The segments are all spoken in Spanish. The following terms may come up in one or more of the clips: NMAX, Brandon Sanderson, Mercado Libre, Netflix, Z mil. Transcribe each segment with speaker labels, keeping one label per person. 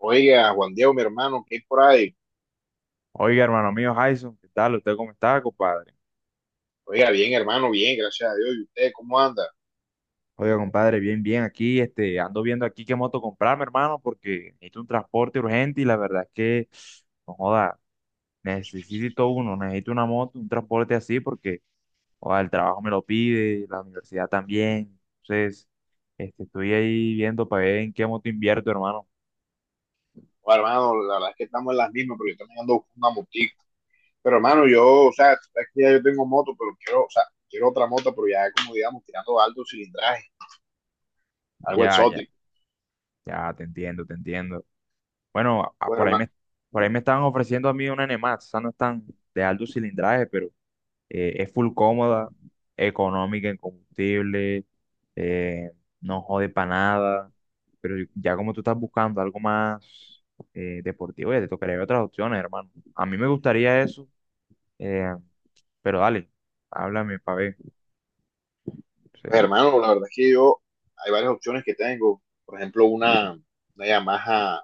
Speaker 1: Oiga, Juan Diego, mi hermano, ¿qué hay por ahí?
Speaker 2: Oiga, hermano mío, Jason, ¿qué tal? ¿Usted cómo está, compadre?
Speaker 1: Oiga, bien, hermano, bien, gracias a Dios. ¿Y usted cómo anda?
Speaker 2: Oiga, compadre, bien, bien, aquí, ando viendo aquí qué moto comprarme, hermano, porque necesito un transporte urgente y la verdad es que, no joda, necesito uno, necesito una moto, un transporte así, porque, joda, el trabajo me lo pide, la universidad también, entonces, estoy ahí viendo para ver en qué moto invierto, hermano.
Speaker 1: Bueno, hermano, la verdad es que estamos en las mismas, pero yo también ando buscando una motica. Pero, hermano, yo, o sea, tú sabes que ya yo tengo moto, pero quiero, o sea, quiero otra moto, pero ya como, digamos, tirando alto cilindraje, algo
Speaker 2: Ya, ya,
Speaker 1: exótico.
Speaker 2: ya, te entiendo, te entiendo. Bueno,
Speaker 1: Pues,
Speaker 2: por ahí
Speaker 1: hermano,
Speaker 2: por ahí me estaban ofreciendo a mí una NMAX, esa no es tan de alto cilindraje, pero es full cómoda, económica en combustible, eh, no jode para nada, pero ya como tú estás buscando algo más deportivo, ya te tocaría ver otras opciones, hermano. A mí me gustaría eso, eh, pero dale, háblame para ver. Sí.
Speaker 1: pues, hermano, la verdad es que yo, hay varias opciones que tengo. Por ejemplo, una Yamaha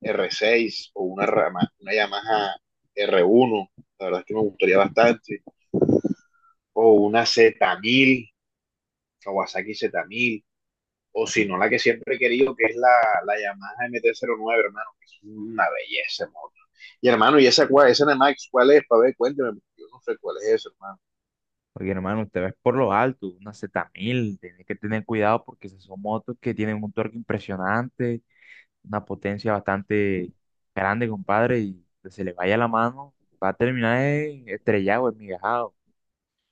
Speaker 1: r seis o una, una Yamaha r uno, la verdad es que me gustaría bastante. O una z mil, Kawasaki z mil, o si no,
Speaker 2: Mm.
Speaker 1: la que siempre he querido, que es la Yamaha mt nueve, hermano, que es una belleza, hermano. Y hermano, ¿y esa, cuál, esa Nemax cuál es? Para ver, cuénteme, yo no sé cuál es eso, hermano.
Speaker 2: Porque hermano, usted ves por lo alto, una Z1000 tiene que tener cuidado porque esas son motos que tienen un torque impresionante, una potencia bastante grande, compadre, y que se le vaya la mano, va a terminar estrellado, enmigajado.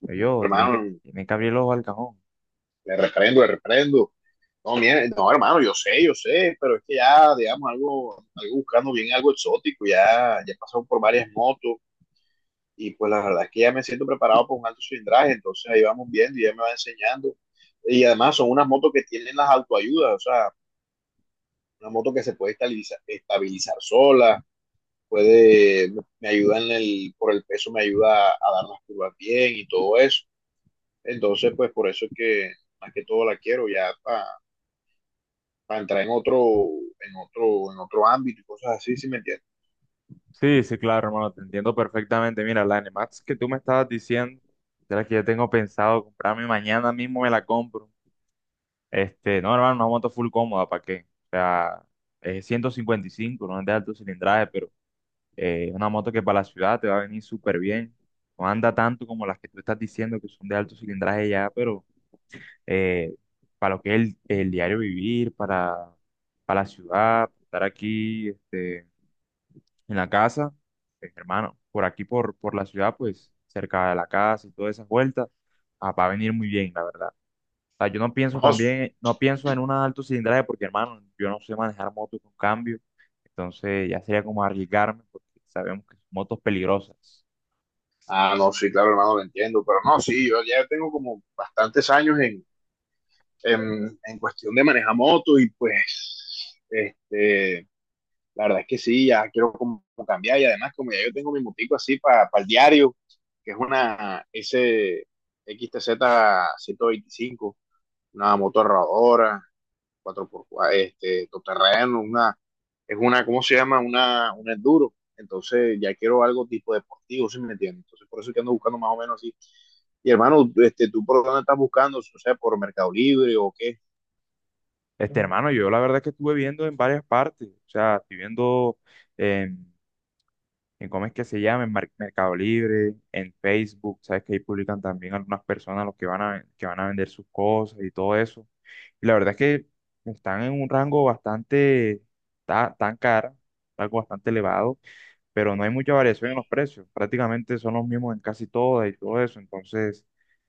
Speaker 2: Tiene
Speaker 1: Hermano,
Speaker 2: tiene que abrir el ojo al cajón.
Speaker 1: le reprendo, le reprendo. No, mire, no, hermano, yo sé, pero es que ya, digamos, algo, algo buscando bien algo exótico, ya, ya he pasado por varias motos y pues la verdad es que ya me siento preparado para un alto cilindraje, entonces ahí vamos viendo y ya me va enseñando. Y además son unas motos que tienen las autoayudas, o sea, una moto que se puede estabilizar, estabilizar sola, puede, me ayuda en el, por el peso, me ayuda a dar las curvas bien y todo eso. Entonces, pues por eso es que más que todo la quiero ya para pa entrar en otro, en otro, en otro ámbito y cosas así, si ¿sí me entiendes?
Speaker 2: Sí, sí, claro, hermano, te entiendo perfectamente. Mira, la N Max que tú me estabas diciendo, de la que yo tengo pensado comprarme mañana mismo, me la compro. No, hermano, una moto full cómoda, ¿para qué? O sea, es 155, no es de alto cilindraje, pero es una moto que para la ciudad te va a venir súper bien. No anda tanto como las que tú estás diciendo que son de alto cilindraje ya, pero eh, para lo que es el diario vivir, para la ciudad, estar aquí en la casa, hermano, por aquí, por la ciudad, pues cerca de la casa y todas esas vueltas, ah, va a venir muy bien, la verdad sea, yo no pienso
Speaker 1: No,
Speaker 2: también, no pienso en una alto cilindraje porque, hermano, yo no sé manejar motos con cambio, entonces ya sería como arriesgarme porque sabemos que son motos peligrosas.
Speaker 1: ah, no, sí, claro, hermano, lo entiendo, pero no, sí, yo ya tengo como bastantes años en cuestión de manejar motos y pues, este, la verdad es que sí, ya quiero como cambiar y además como ya yo tengo mi motico así para el diario, que es una S X T Z ciento veinticinco, una moto rodadora, cuatro por 4 este, todoterreno, una, es una, ¿cómo se llama? Una, un enduro. Entonces ya quiero algo tipo deportivo, si me entiendes. Entonces por eso es que ando buscando más o menos así. Y hermano, este, ¿tú por dónde estás buscando? O sea, ¿por Mercado Libre o qué?
Speaker 2: Ujú. Hermano, yo la verdad es que estuve viendo en varias partes, o sea, estoy viendo en, en cómo es que se llama, en Mercado Libre, en Facebook, sabes que ahí publican también algunas personas los que van a vender sus cosas y todo eso. Y la verdad es que están en un rango bastante tan, cara, algo bastante elevado. Pero no hay mucha variación en los precios. Prácticamente son los mismos en casi todas y todo eso. Entonces,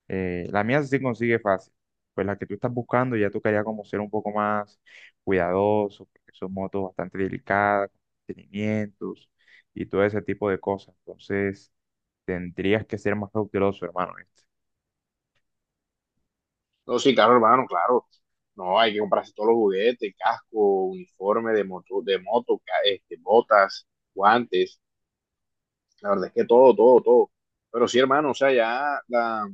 Speaker 2: la mía sí consigue fácil. Pues la que tú estás buscando ya tocaría como ser un poco más cuidadoso, porque son motos bastante delicadas, con mantenimientos y todo ese tipo de cosas. Entonces, tendrías que ser más cauteloso, hermano.
Speaker 1: No, sí, claro, hermano, claro. No, hay que comprarse todos los juguetes, casco, uniforme de moto, este, botas, guantes. La verdad es que todo, todo, todo. Pero sí, hermano, o sea, ya la,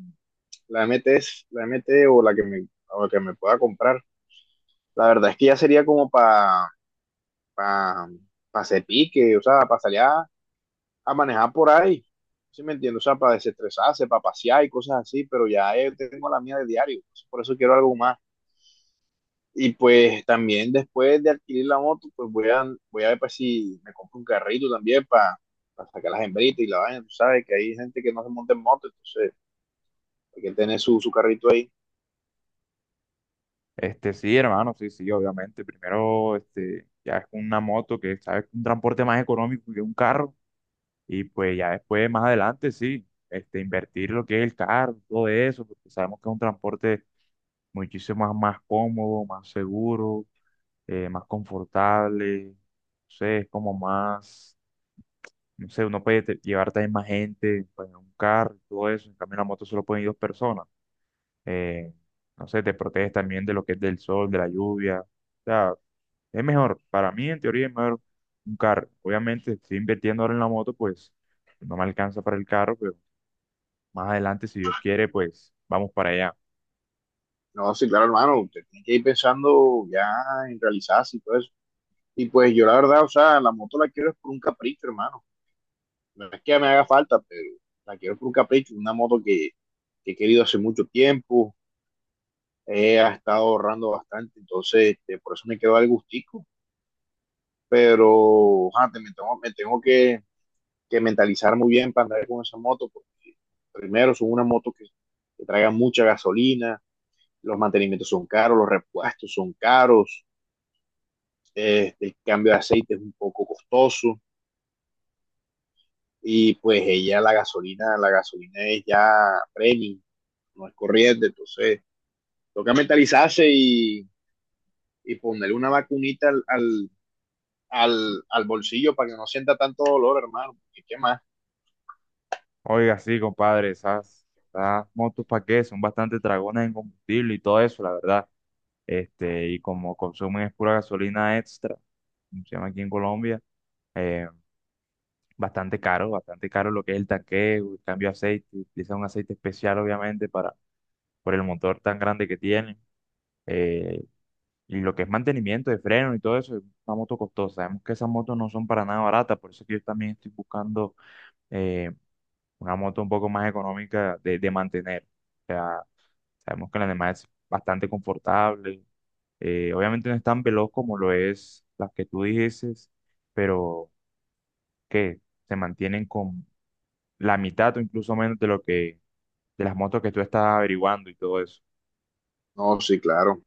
Speaker 1: la MT la M T o la que me, o la que me pueda comprar. La verdad es que ya sería como para pa, pa pa hacer pique, o sea, para salir a manejar por ahí. ¿Sí me entiendes? O sea, para desestresarse, para pasear y cosas así, pero ya tengo la mía de diario. Pues, por eso quiero algo más. Y pues también después de adquirir la moto, pues voy a, voy a ver pues, si me compro un carrito también para sacar las hembritas y la vaina. Tú sabes que hay gente que no se monta en moto, entonces hay que tener su, su carrito ahí.
Speaker 2: Sí, hermano, sí, sí, obviamente. Primero, ya es una moto que sabes que es un transporte más económico que un carro. Y pues ya después, más adelante, sí, invertir lo que es el carro, todo eso, porque sabemos que es un transporte muchísimo más, más cómodo, más seguro, más confortable, no sé, es como más, no sé, uno puede llevar también más gente, pues en un carro, y todo eso, en cambio en la moto solo pueden ir dos personas, eh, no sé, te proteges también de lo que es del sol, de la lluvia, o sea, es mejor, para mí en teoría es mejor un carro, obviamente estoy invirtiendo ahora en la moto, pues no me alcanza para el carro, pero más adelante, si Dios quiere, pues vamos para allá.
Speaker 1: No, sí, claro, hermano, usted tiene que ir pensando ya en realizarse y todo eso. Y pues yo la verdad, o sea, la moto la quiero es por un capricho, hermano. No es que me haga falta, pero la quiero por un capricho, una moto que he querido hace mucho tiempo, he estado ahorrando bastante, entonces este, por eso me quedó el gustico. Pero ah, me tengo que, mentalizar muy bien para andar con esa moto, porque primero son una moto que traiga mucha gasolina, los mantenimientos son caros, los repuestos son caros, el cambio de aceite es un poco costoso y pues ella la gasolina es ya premium, no es corriente, entonces toca mentalizarse y ponerle una vacunita al, al, al, al bolsillo para que no sienta tanto dolor, hermano, ¿y qué más?
Speaker 2: Oiga, sí, compadre, esas, esas motos para qué, son bastante dragones en combustible y todo eso, la verdad. Y como consumen es pura gasolina extra, como se llama aquí en Colombia, eh, bastante caro lo que es el tanqueo, el cambio de aceite, utilizan un aceite especial, obviamente, para, por el motor tan grande que tienen. eh, y lo que es mantenimiento de freno y todo eso, es una moto costosa. Sabemos que esas motos no son para nada baratas, por eso que yo también estoy buscando eh, una moto un poco más económica de mantener. O sea, sabemos que la demás es bastante confortable. Obviamente no es tan veloz como lo es las que tú dices, pero que se mantienen con la mitad o incluso menos de lo que de las motos que tú estás averiguando y todo eso.
Speaker 1: No, sí, claro.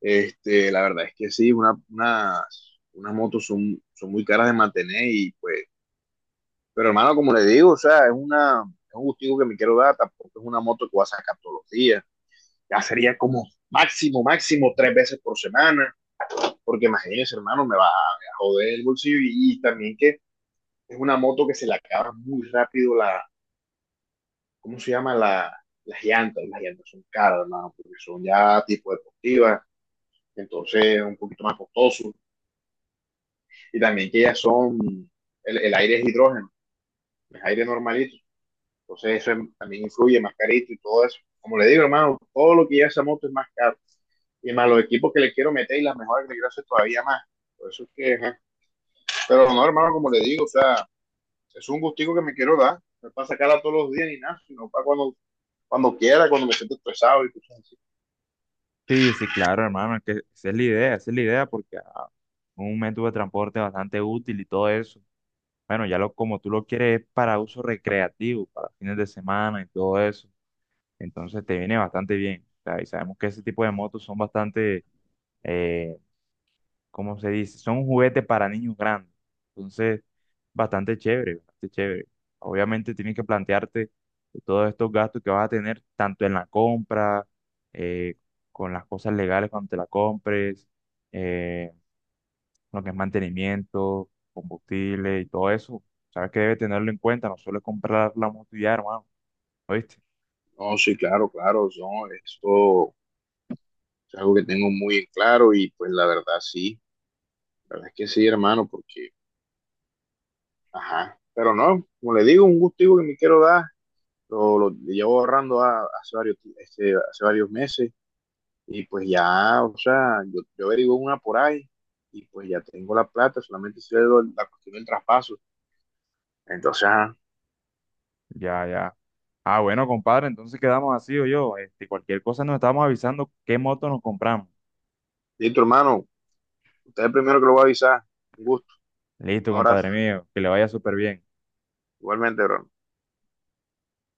Speaker 1: Este, la verdad es que sí, una, unas, unas motos son, son muy caras de mantener y pues, pero hermano, como le digo, o sea, es una, es un gustico que me quiero dar, tampoco es una moto que voy a sacar todos los días, ya sería como máximo, máximo 3 veces por semana, porque imagínense, hermano, me va a joder el bolsillo y también que es una moto que se le acaba muy rápido la, ¿cómo se llama? La, las llantas son caras, hermano, porque son ya tipo deportivas, entonces es un poquito más costoso y también que ellas son, el aire es hidrógeno, es aire normalito, entonces eso es- también influye, más carito y todo eso. Como le digo, hermano, todo lo que lleva esa moto es más caro, y más los equipos que le quiero meter y las mejoras que le quiero hacer todavía más, por eso es que, ajá. Pero no, hermano, como le digo, o sea, es un gustico que me quiero dar, no es para sacarla todos los días ni nada, sino para cuando, cuando quiera, cuando me siento estresado y cosas así.
Speaker 2: Sí, sí, claro, hermano, es que esa es la idea, esa es la idea porque ah, un método de transporte bastante útil y todo eso. Bueno, ya lo como tú lo quieres es para uso recreativo, para fines de semana y todo eso. Entonces te viene bastante bien. O sea, y sabemos que ese tipo de motos son bastante, eh, ¿cómo se dice? Son un juguete para niños grandes. Entonces, bastante chévere, bastante chévere. Obviamente tienes que plantearte todos estos gastos que vas a tener, tanto en la compra, eh, con las cosas legales cuando te la compres, eh, lo que es mantenimiento, combustible y todo eso. Sabes que debes tenerlo en cuenta, no solo es comprar la moto y ya, hermano. ¿Oíste?
Speaker 1: No, sí, claro, claro, no, esto es algo que tengo muy en claro y pues la verdad sí, la verdad es que sí, hermano, porque ajá, pero no, como le digo, un gustico que me quiero dar, lo llevo ahorrando hace varios, este, hace varios meses y pues ya, o sea, yo averiguo una por ahí y pues ya tengo la plata, solamente sé la cuestión del traspaso. Entonces, ajá,
Speaker 2: Ya, ya. Ah, bueno, compadre, entonces quedamos así o yo. Cualquier cosa nos estamos avisando qué moto nos compramos.
Speaker 1: listo, hermano, usted es el primero que lo va a avisar. Un gusto,
Speaker 2: Listo,
Speaker 1: un abrazo,
Speaker 2: compadre mío, que le vaya súper bien.
Speaker 1: igualmente, bro.